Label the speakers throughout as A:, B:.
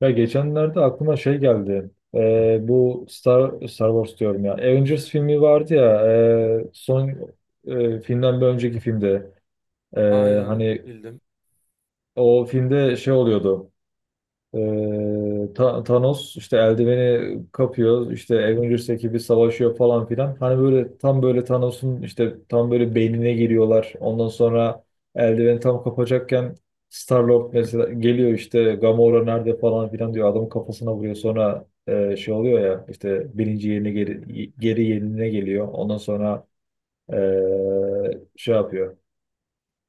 A: Ya geçenlerde aklıma şey geldi. Bu Star Wars diyorum ya. Avengers filmi vardı ya. e, son Filmden bir önceki filmde. E,
B: Aynen
A: Hani
B: bildim.
A: o filmde şey oluyordu. Thanos işte eldiveni kapıyor işte Avengers ekibi savaşıyor falan filan. Hani böyle tam böyle Thanos'un işte tam böyle beynine giriyorlar. Ondan sonra eldiveni tam kapacakken Star-Lord mesela geliyor işte Gamora nerede falan filan diyor. Adamın kafasına vuruyor. Sonra şey oluyor ya işte birinci yerine geri yerine geliyor. Ondan sonra şey yapıyor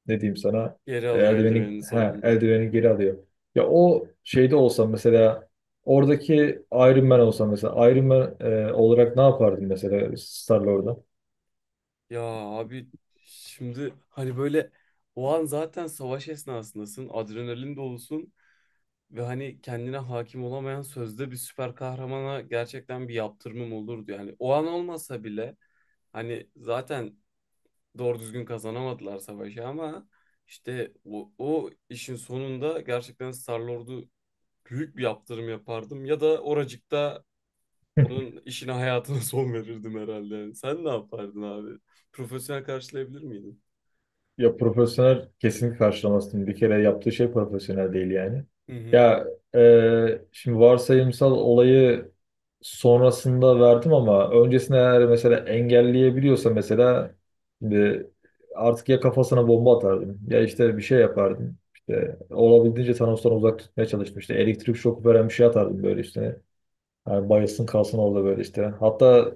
A: ne diyeyim sana
B: Geri alıyor
A: eldiveni
B: eldivenini
A: ha
B: sonunda.
A: eldiveni geri alıyor. Ya o şeyde olsam mesela oradaki Iron Man olsam mesela Iron Man olarak ne yapardım mesela Star-Lord'a?
B: Ya abi, şimdi hani böyle o an zaten savaş esnasındasın. Adrenalin dolusun. Ve hani kendine hakim olamayan sözde bir süper kahramana gerçekten bir yaptırımım olurdu. Yani o an olmasa bile hani zaten doğru düzgün kazanamadılar savaşı ama işte o işin sonunda gerçekten Star-Lord'u büyük bir yaptırım yapardım. Ya da oracıkta onun işine, hayatına son verirdim herhalde. Sen ne yapardın abi? Profesyonel karşılayabilir miydin?
A: Ya profesyonel kesinlikle karşılamazsın. Bir kere yaptığı şey profesyonel değil yani.
B: Hı hı.
A: Ya şimdi varsayımsal olayı sonrasında verdim ama öncesinde eğer mesela engelleyebiliyorsa mesela şimdi artık ya kafasına bomba atardım ya işte bir şey yapardım. İşte olabildiğince Thanos'tan uzak tutmaya çalıştım. İşte elektrik şoku veren bir şey atardım böyle işte. Yani bayılsın kalsın orada böyle işte. Hatta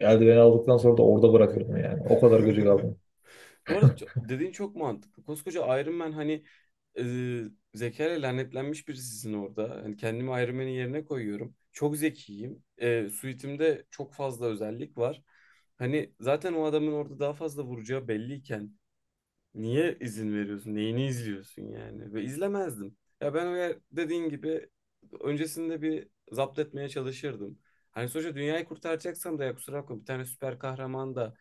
A: eldiveni aldıktan sonra da orada bırakırdım yani. O kadar gıcık aldım.
B: Bu arada dediğin çok mantıklı. Koskoca Iron Man, hani e, zekayla lanetlenmiş birisisin orada. Hani kendimi Iron Man'in yerine koyuyorum. Çok zekiyim. Suitimde çok fazla özellik var. Hani zaten o adamın orada daha fazla vuracağı belliyken niye izin veriyorsun? Neyini izliyorsun yani? Ve izlemezdim. Ya ben, öyle dediğin gibi, öncesinde bir zapt etmeye çalışırdım. Hani sonuçta dünyayı kurtaracaksam da, ya kusura bakma, bir tane süper kahraman da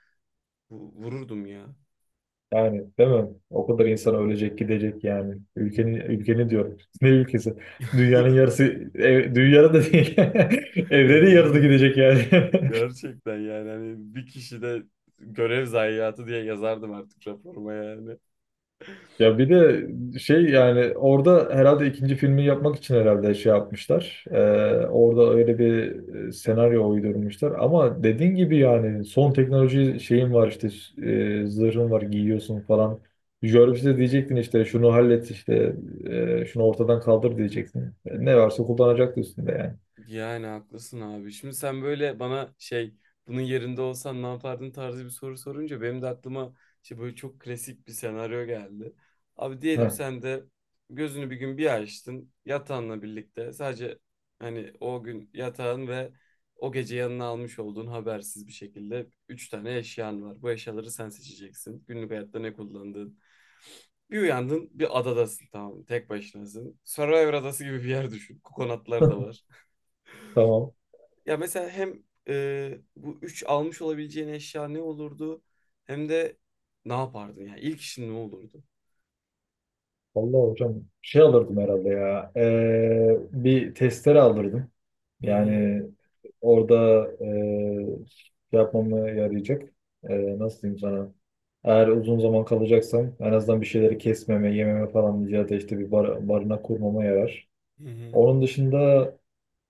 B: vururdum ya.
A: Yani değil mi? O kadar insan ölecek gidecek yani. Ülkeni diyorum. Ne ülkesi? Dünyanın yarısı dünyada da değil. Evrenin yarısı
B: Evrenin
A: gidecek yani.
B: gerçekten, yani hani, bir kişide görev zayiatı diye yazardım artık raporuma yani.
A: Ya bir de şey yani orada herhalde ikinci filmi yapmak için herhalde şey yapmışlar. Orada öyle bir senaryo uydurmuşlar. Ama dediğin gibi yani son teknoloji şeyin var işte zırhın var giyiyorsun falan. Jarvis'e diyecektin işte şunu hallet işte şunu ortadan kaldır diyecektin. Ne varsa kullanacaktı üstünde yani.
B: Yani haklısın abi. Şimdi sen böyle bana, şey, bunun yerinde olsan ne yapardın tarzı bir soru sorunca benim de aklıma işte böyle çok klasik bir senaryo geldi. Abi diyelim
A: Heh,
B: sen de gözünü bir gün bir açtın, yatağınla birlikte sadece, hani o gün yatağın ve o gece yanına almış olduğun habersiz bir şekilde üç tane eşyan var. Bu eşyaları sen seçeceksin. Günlük hayatta ne kullandığın. Bir uyandın bir adadasın, tamam mı? Tek başınasın. Survivor adası gibi bir yer düşün. Kokonatlar da var.
A: tamam.
B: Ya mesela hem bu üç almış olabileceğin eşya ne olurdu, hem de ne yapardın, yani ilk işin ne olurdu?
A: Vallahi hocam şey alırdım herhalde ya. Bir testere alırdım.
B: Hı hı,
A: Yani orada şey yapmamı yarayacak. Nasıl diyeyim sana? Eğer uzun zaman kalacaksam en azından bir şeyleri kesmeme, yememe falan ya da işte bir barınak kurmama yarar.
B: hı hı,
A: Onun dışında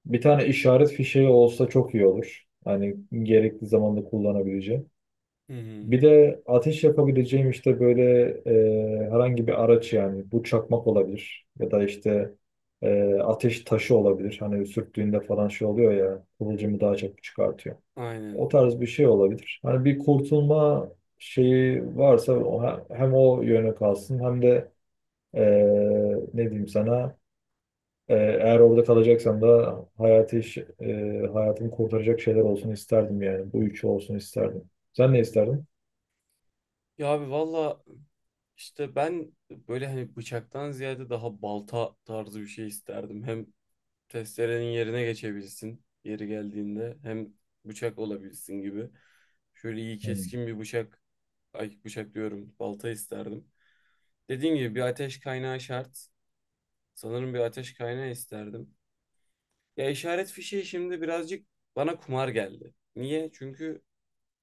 A: bir tane işaret fişeği olsa çok iyi olur. Hani gerekli zamanda kullanabileceğim.
B: hı. Hı.
A: Bir de ateş yapabileceğim işte böyle herhangi bir araç yani bu çakmak olabilir ya da işte ateş taşı olabilir. Hani sürttüğünde falan şey oluyor ya kıvılcımı daha çok çıkartıyor. O
B: Aynen.
A: tarz bir şey olabilir. Hani bir kurtulma şeyi varsa hem o yöne kalsın hem de e, ne diyeyim sana eğer orada kalacaksam da hayatımı kurtaracak şeyler olsun isterdim yani. Bu üçü olsun isterdim. Sen ne isterdin?
B: Ya abi valla, işte ben böyle, hani bıçaktan ziyade daha balta tarzı bir şey isterdim. Hem testerenin yerine geçebilsin yeri geldiğinde, hem bıçak olabilsin gibi. Şöyle iyi
A: Hmm.
B: keskin bir bıçak, ay bıçak diyorum, balta isterdim. Dediğim gibi bir ateş kaynağı şart. Sanırım bir ateş kaynağı isterdim. Ya işaret fişeği şimdi birazcık bana kumar geldi. Niye? Çünkü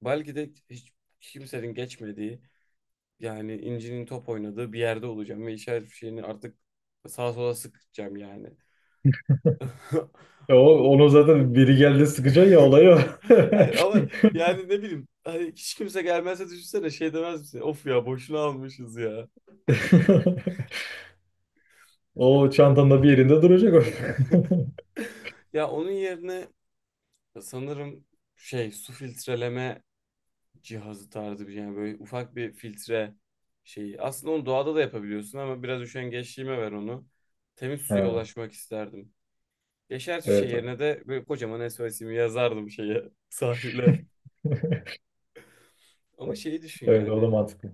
B: belki de hiç kimsenin geçmediği, yani incinin top oynadığı bir yerde olacağım ve işaret fişeğini artık sağa sola sıkacağım yani.
A: Ya
B: O-
A: onu zaten biri geldi sıkacak ya olayı o.
B: Hayır ama yani, ne bileyim, hani hiç kimse gelmezse düşünsene, şey demez misin? Of ya, boşuna almışız ya.
A: O çantanda bir yerinde duracak o.
B: Ya onun yerine sanırım, şey, su filtreleme cihazı tarzı bir şey. Yani böyle ufak bir filtre şeyi. Aslında onu doğada da yapabiliyorsun ama biraz üşengeçliğime ver onu. Temiz suya
A: Ha,
B: ulaşmak isterdim. Yaşar fişeği
A: evet.
B: yerine de böyle kocaman SOS'imi yazardım şeye, sahile. Ama şeyi düşün
A: Evet o da
B: yani.
A: mantıklı.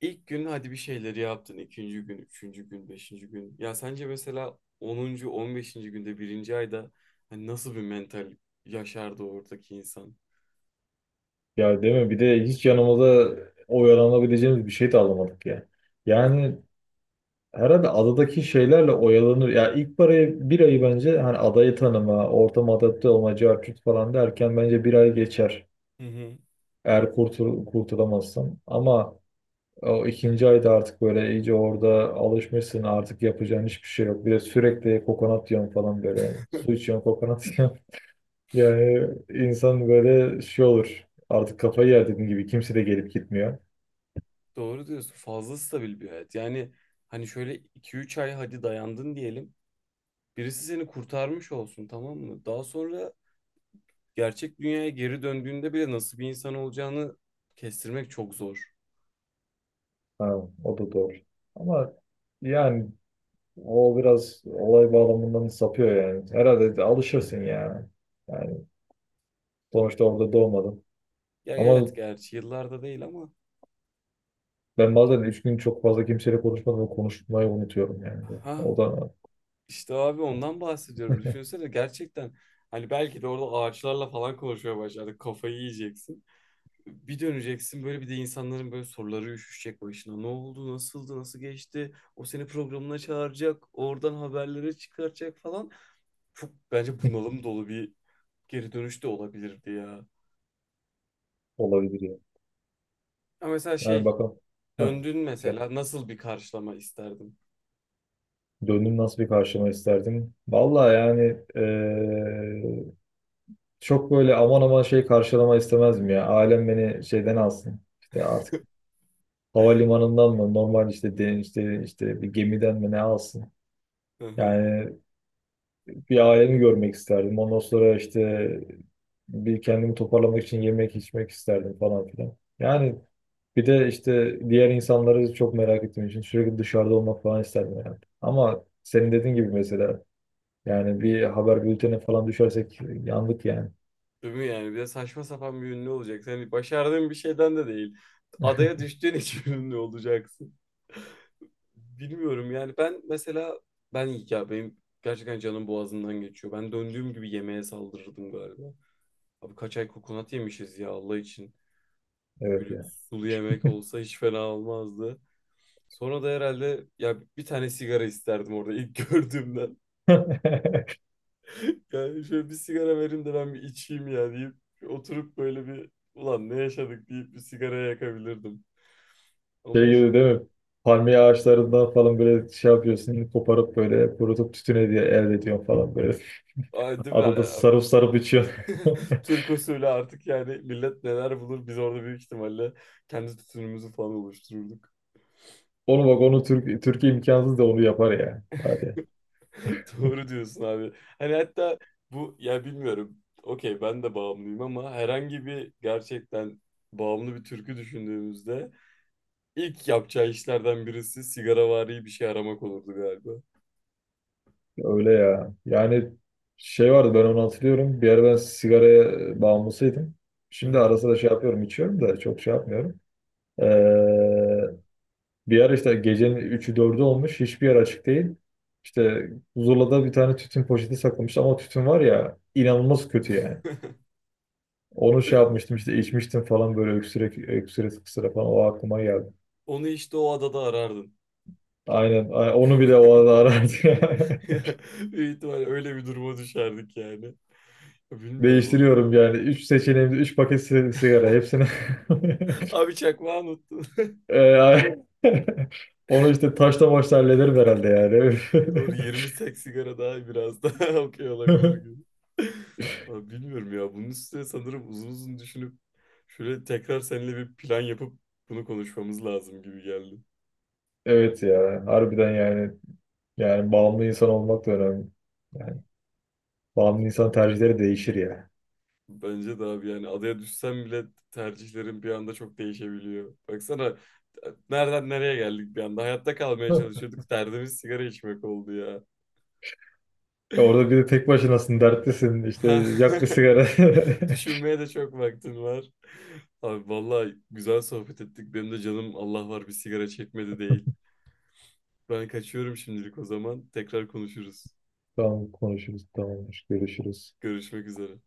B: İlk gün hadi bir şeyleri yaptın. İkinci gün, üçüncü gün, beşinci gün. Ya sence mesela 10., 15. günde, birinci ayda hani nasıl bir mental yaşardı oradaki insan?
A: Ya değil mi? Bir de hiç yanımıza oyalanabileceğimiz bir şey de alamadık ya. Yani herhalde adadaki şeylerle oyalanır. Ya ilk parayı bir ayı bence hani adayı tanıma, ortama adapte olma, cart curt falan derken bence bir ay geçer.
B: Hı hı.
A: Eğer kurtulamazsan. Ama o ikinci ayda artık böyle iyice orada alışmışsın artık yapacağın hiçbir şey yok. Bir de sürekli kokonat yiyorsun falan böyle. Su içiyorsun kokonat yiyorsun. Yani insan böyle şey olur. Artık kafayı yer dediğim gibi kimse de gelip gitmiyor.
B: Doğru diyorsun. Fazla stabil bir hayat. Yani hani şöyle 2 3 ay hadi dayandın diyelim. Birisi seni kurtarmış olsun, tamam mı? Daha sonra gerçek dünyaya geri döndüğünde bile nasıl bir insan olacağını kestirmek çok zor.
A: Ha, o da doğru. Ama yani o biraz olay bağlamından sapıyor yani. Herhalde de alışırsın yani. Yani sonuçta orada doğmadım.
B: Ya
A: Ama
B: evet, gerçi yıllarda değil ama.
A: ben bazen üç gün çok fazla kimseyle konuşmadım ve konuşmayı unutuyorum yani.
B: Ha.
A: O da
B: İşte abi, ondan bahsediyorum. Düşünsene gerçekten, hani belki de orada ağaçlarla falan konuşmaya başladık. Kafayı yiyeceksin. Bir döneceksin, böyle bir de insanların böyle soruları üşüşecek başına. Ne oldu, nasıldı, nasıl geçti? O seni programına çağıracak, oradan haberleri çıkaracak falan. Çok bence bunalım dolu bir geri dönüş de olabilirdi ya.
A: olabilir yani.
B: Ama mesela,
A: Yani
B: şey,
A: bakalım. Heh,
B: döndün
A: güzel.
B: mesela, nasıl bir karşılama isterdin?
A: Döndüm nasıl bir karşılama isterdim? Vallahi yani çok böyle aman aman şey karşılama istemezdim ya. Ailem beni şeyden alsın. İşte artık havalimanından mı normal işte işte işte bir gemiden mi ne alsın? Yani bir ailemi görmek isterdim. Ondan sonra işte bir kendimi toparlamak için yemek içmek isterdim falan filan. Yani bir de işte diğer insanları çok merak ettiğim için sürekli dışarıda olmak falan isterdim yani. Ama senin dediğin gibi mesela yani bir haber bültenine falan düşersek yandık yani.
B: Değil mi yani? Bir de saçma sapan bir ünlü olacaksın. Hani başardığın bir şeyden de değil. Adaya düştüğün için ünlü olacaksın. Bilmiyorum yani, ben mesela, ben ya, benim gerçekten canım boğazımdan geçiyor. Ben döndüğüm gibi yemeğe saldırırdım galiba. Abi kaç ay kokonat yemişiz ya, Allah için. Şöyle
A: Evet
B: bir
A: ya.
B: sulu yemek olsa hiç fena olmazdı. Sonra da herhalde ya bir tane sigara isterdim, orada ilk gördüğümden. Yani şöyle bir sigara verin de ben bir içeyim ya, deyip oturup böyle bir, ulan ne yaşadık, deyip bir sigara yakabilirdim. Ama
A: Şey
B: hiç.
A: gibi değil mi? Palmiye ağaçlarından falan böyle şey yapıyorsun, koparıp böyle kurutup tütüne diye elde ediyorsun falan böyle.
B: Ay, değil mi?
A: Adada
B: Yani,
A: sarıp sarıp içiyorsun.
B: Türk usulü artık yani, millet neler bulur, biz orada büyük ihtimalle kendi tutumumuzu falan oluştururduk.
A: Oğlum bak onu Türkiye imkansız da onu yapar ya. Hadi.
B: Doğru diyorsun abi. Hani hatta bu, ya bilmiyorum. Okey ben de bağımlıyım ama herhangi bir, gerçekten bağımlı bir türkü düşündüğümüzde ilk yapacağı işlerden birisi sigaravari bir şey aramak olurdu galiba.
A: Öyle ya. Yani şey vardı ben onu hatırlıyorum. Bir ara ben sigaraya bağımlısıydım.
B: Hı
A: Şimdi
B: hı.
A: ara sıra şey yapıyorum içiyorum da çok şey yapmıyorum. Ee, Bir ara işte gecenin üçü dördü olmuş. Hiçbir yer açık değil. İşte Zula'da bir tane tütün poşeti saklamış ama tütün var ya inanılmaz kötü yani. Onu şey yapmıştım işte içmiştim falan böyle öksürek öksüre kısıra falan o aklıma geldi.
B: Onu işte o adada arardın.
A: Aynen. Onu bile o arada arardı.
B: Büyük ihtimalle öyle bir duruma düşerdik yani. Bilmiyorum abi.
A: Değiştiriyorum yani. Üç seçeneğimde üç paket sigara. Hepsini
B: Abi çakmağı unuttun.
A: Ee, ay- onu işte taşla maçla hallederim herhalde yani.
B: Doğru. Yirmi sek sigara daha, biraz daha okey olabilir gibi. Abi bilmiyorum ya. Bunun üstüne sanırım uzun uzun düşünüp şöyle tekrar seninle bir plan yapıp bunu konuşmamız lazım gibi geldi.
A: Evet ya. Harbiden yani. Yani bağımlı insan olmak da önemli. Yani bağımlı insan tercihleri değişir ya.
B: Bence de abi, yani adaya düşsem bile tercihlerim bir anda çok değişebiliyor. Baksana nereden nereye geldik bir anda. Hayatta kalmaya çalışıyorduk. Derdimiz sigara içmek oldu ya.
A: Orada bir de tek başınasın, dertlisin. İşte
B: Ha.
A: yak bir sigara.
B: Düşünmeye de çok vaktin var. Abi vallahi güzel sohbet ettik. Benim de canım, Allah var, bir sigara çekmedi değil. Ben kaçıyorum şimdilik o zaman. Tekrar konuşuruz.
A: Tamam konuşuruz. Tamamdır. Görüşürüz.
B: Görüşmek üzere.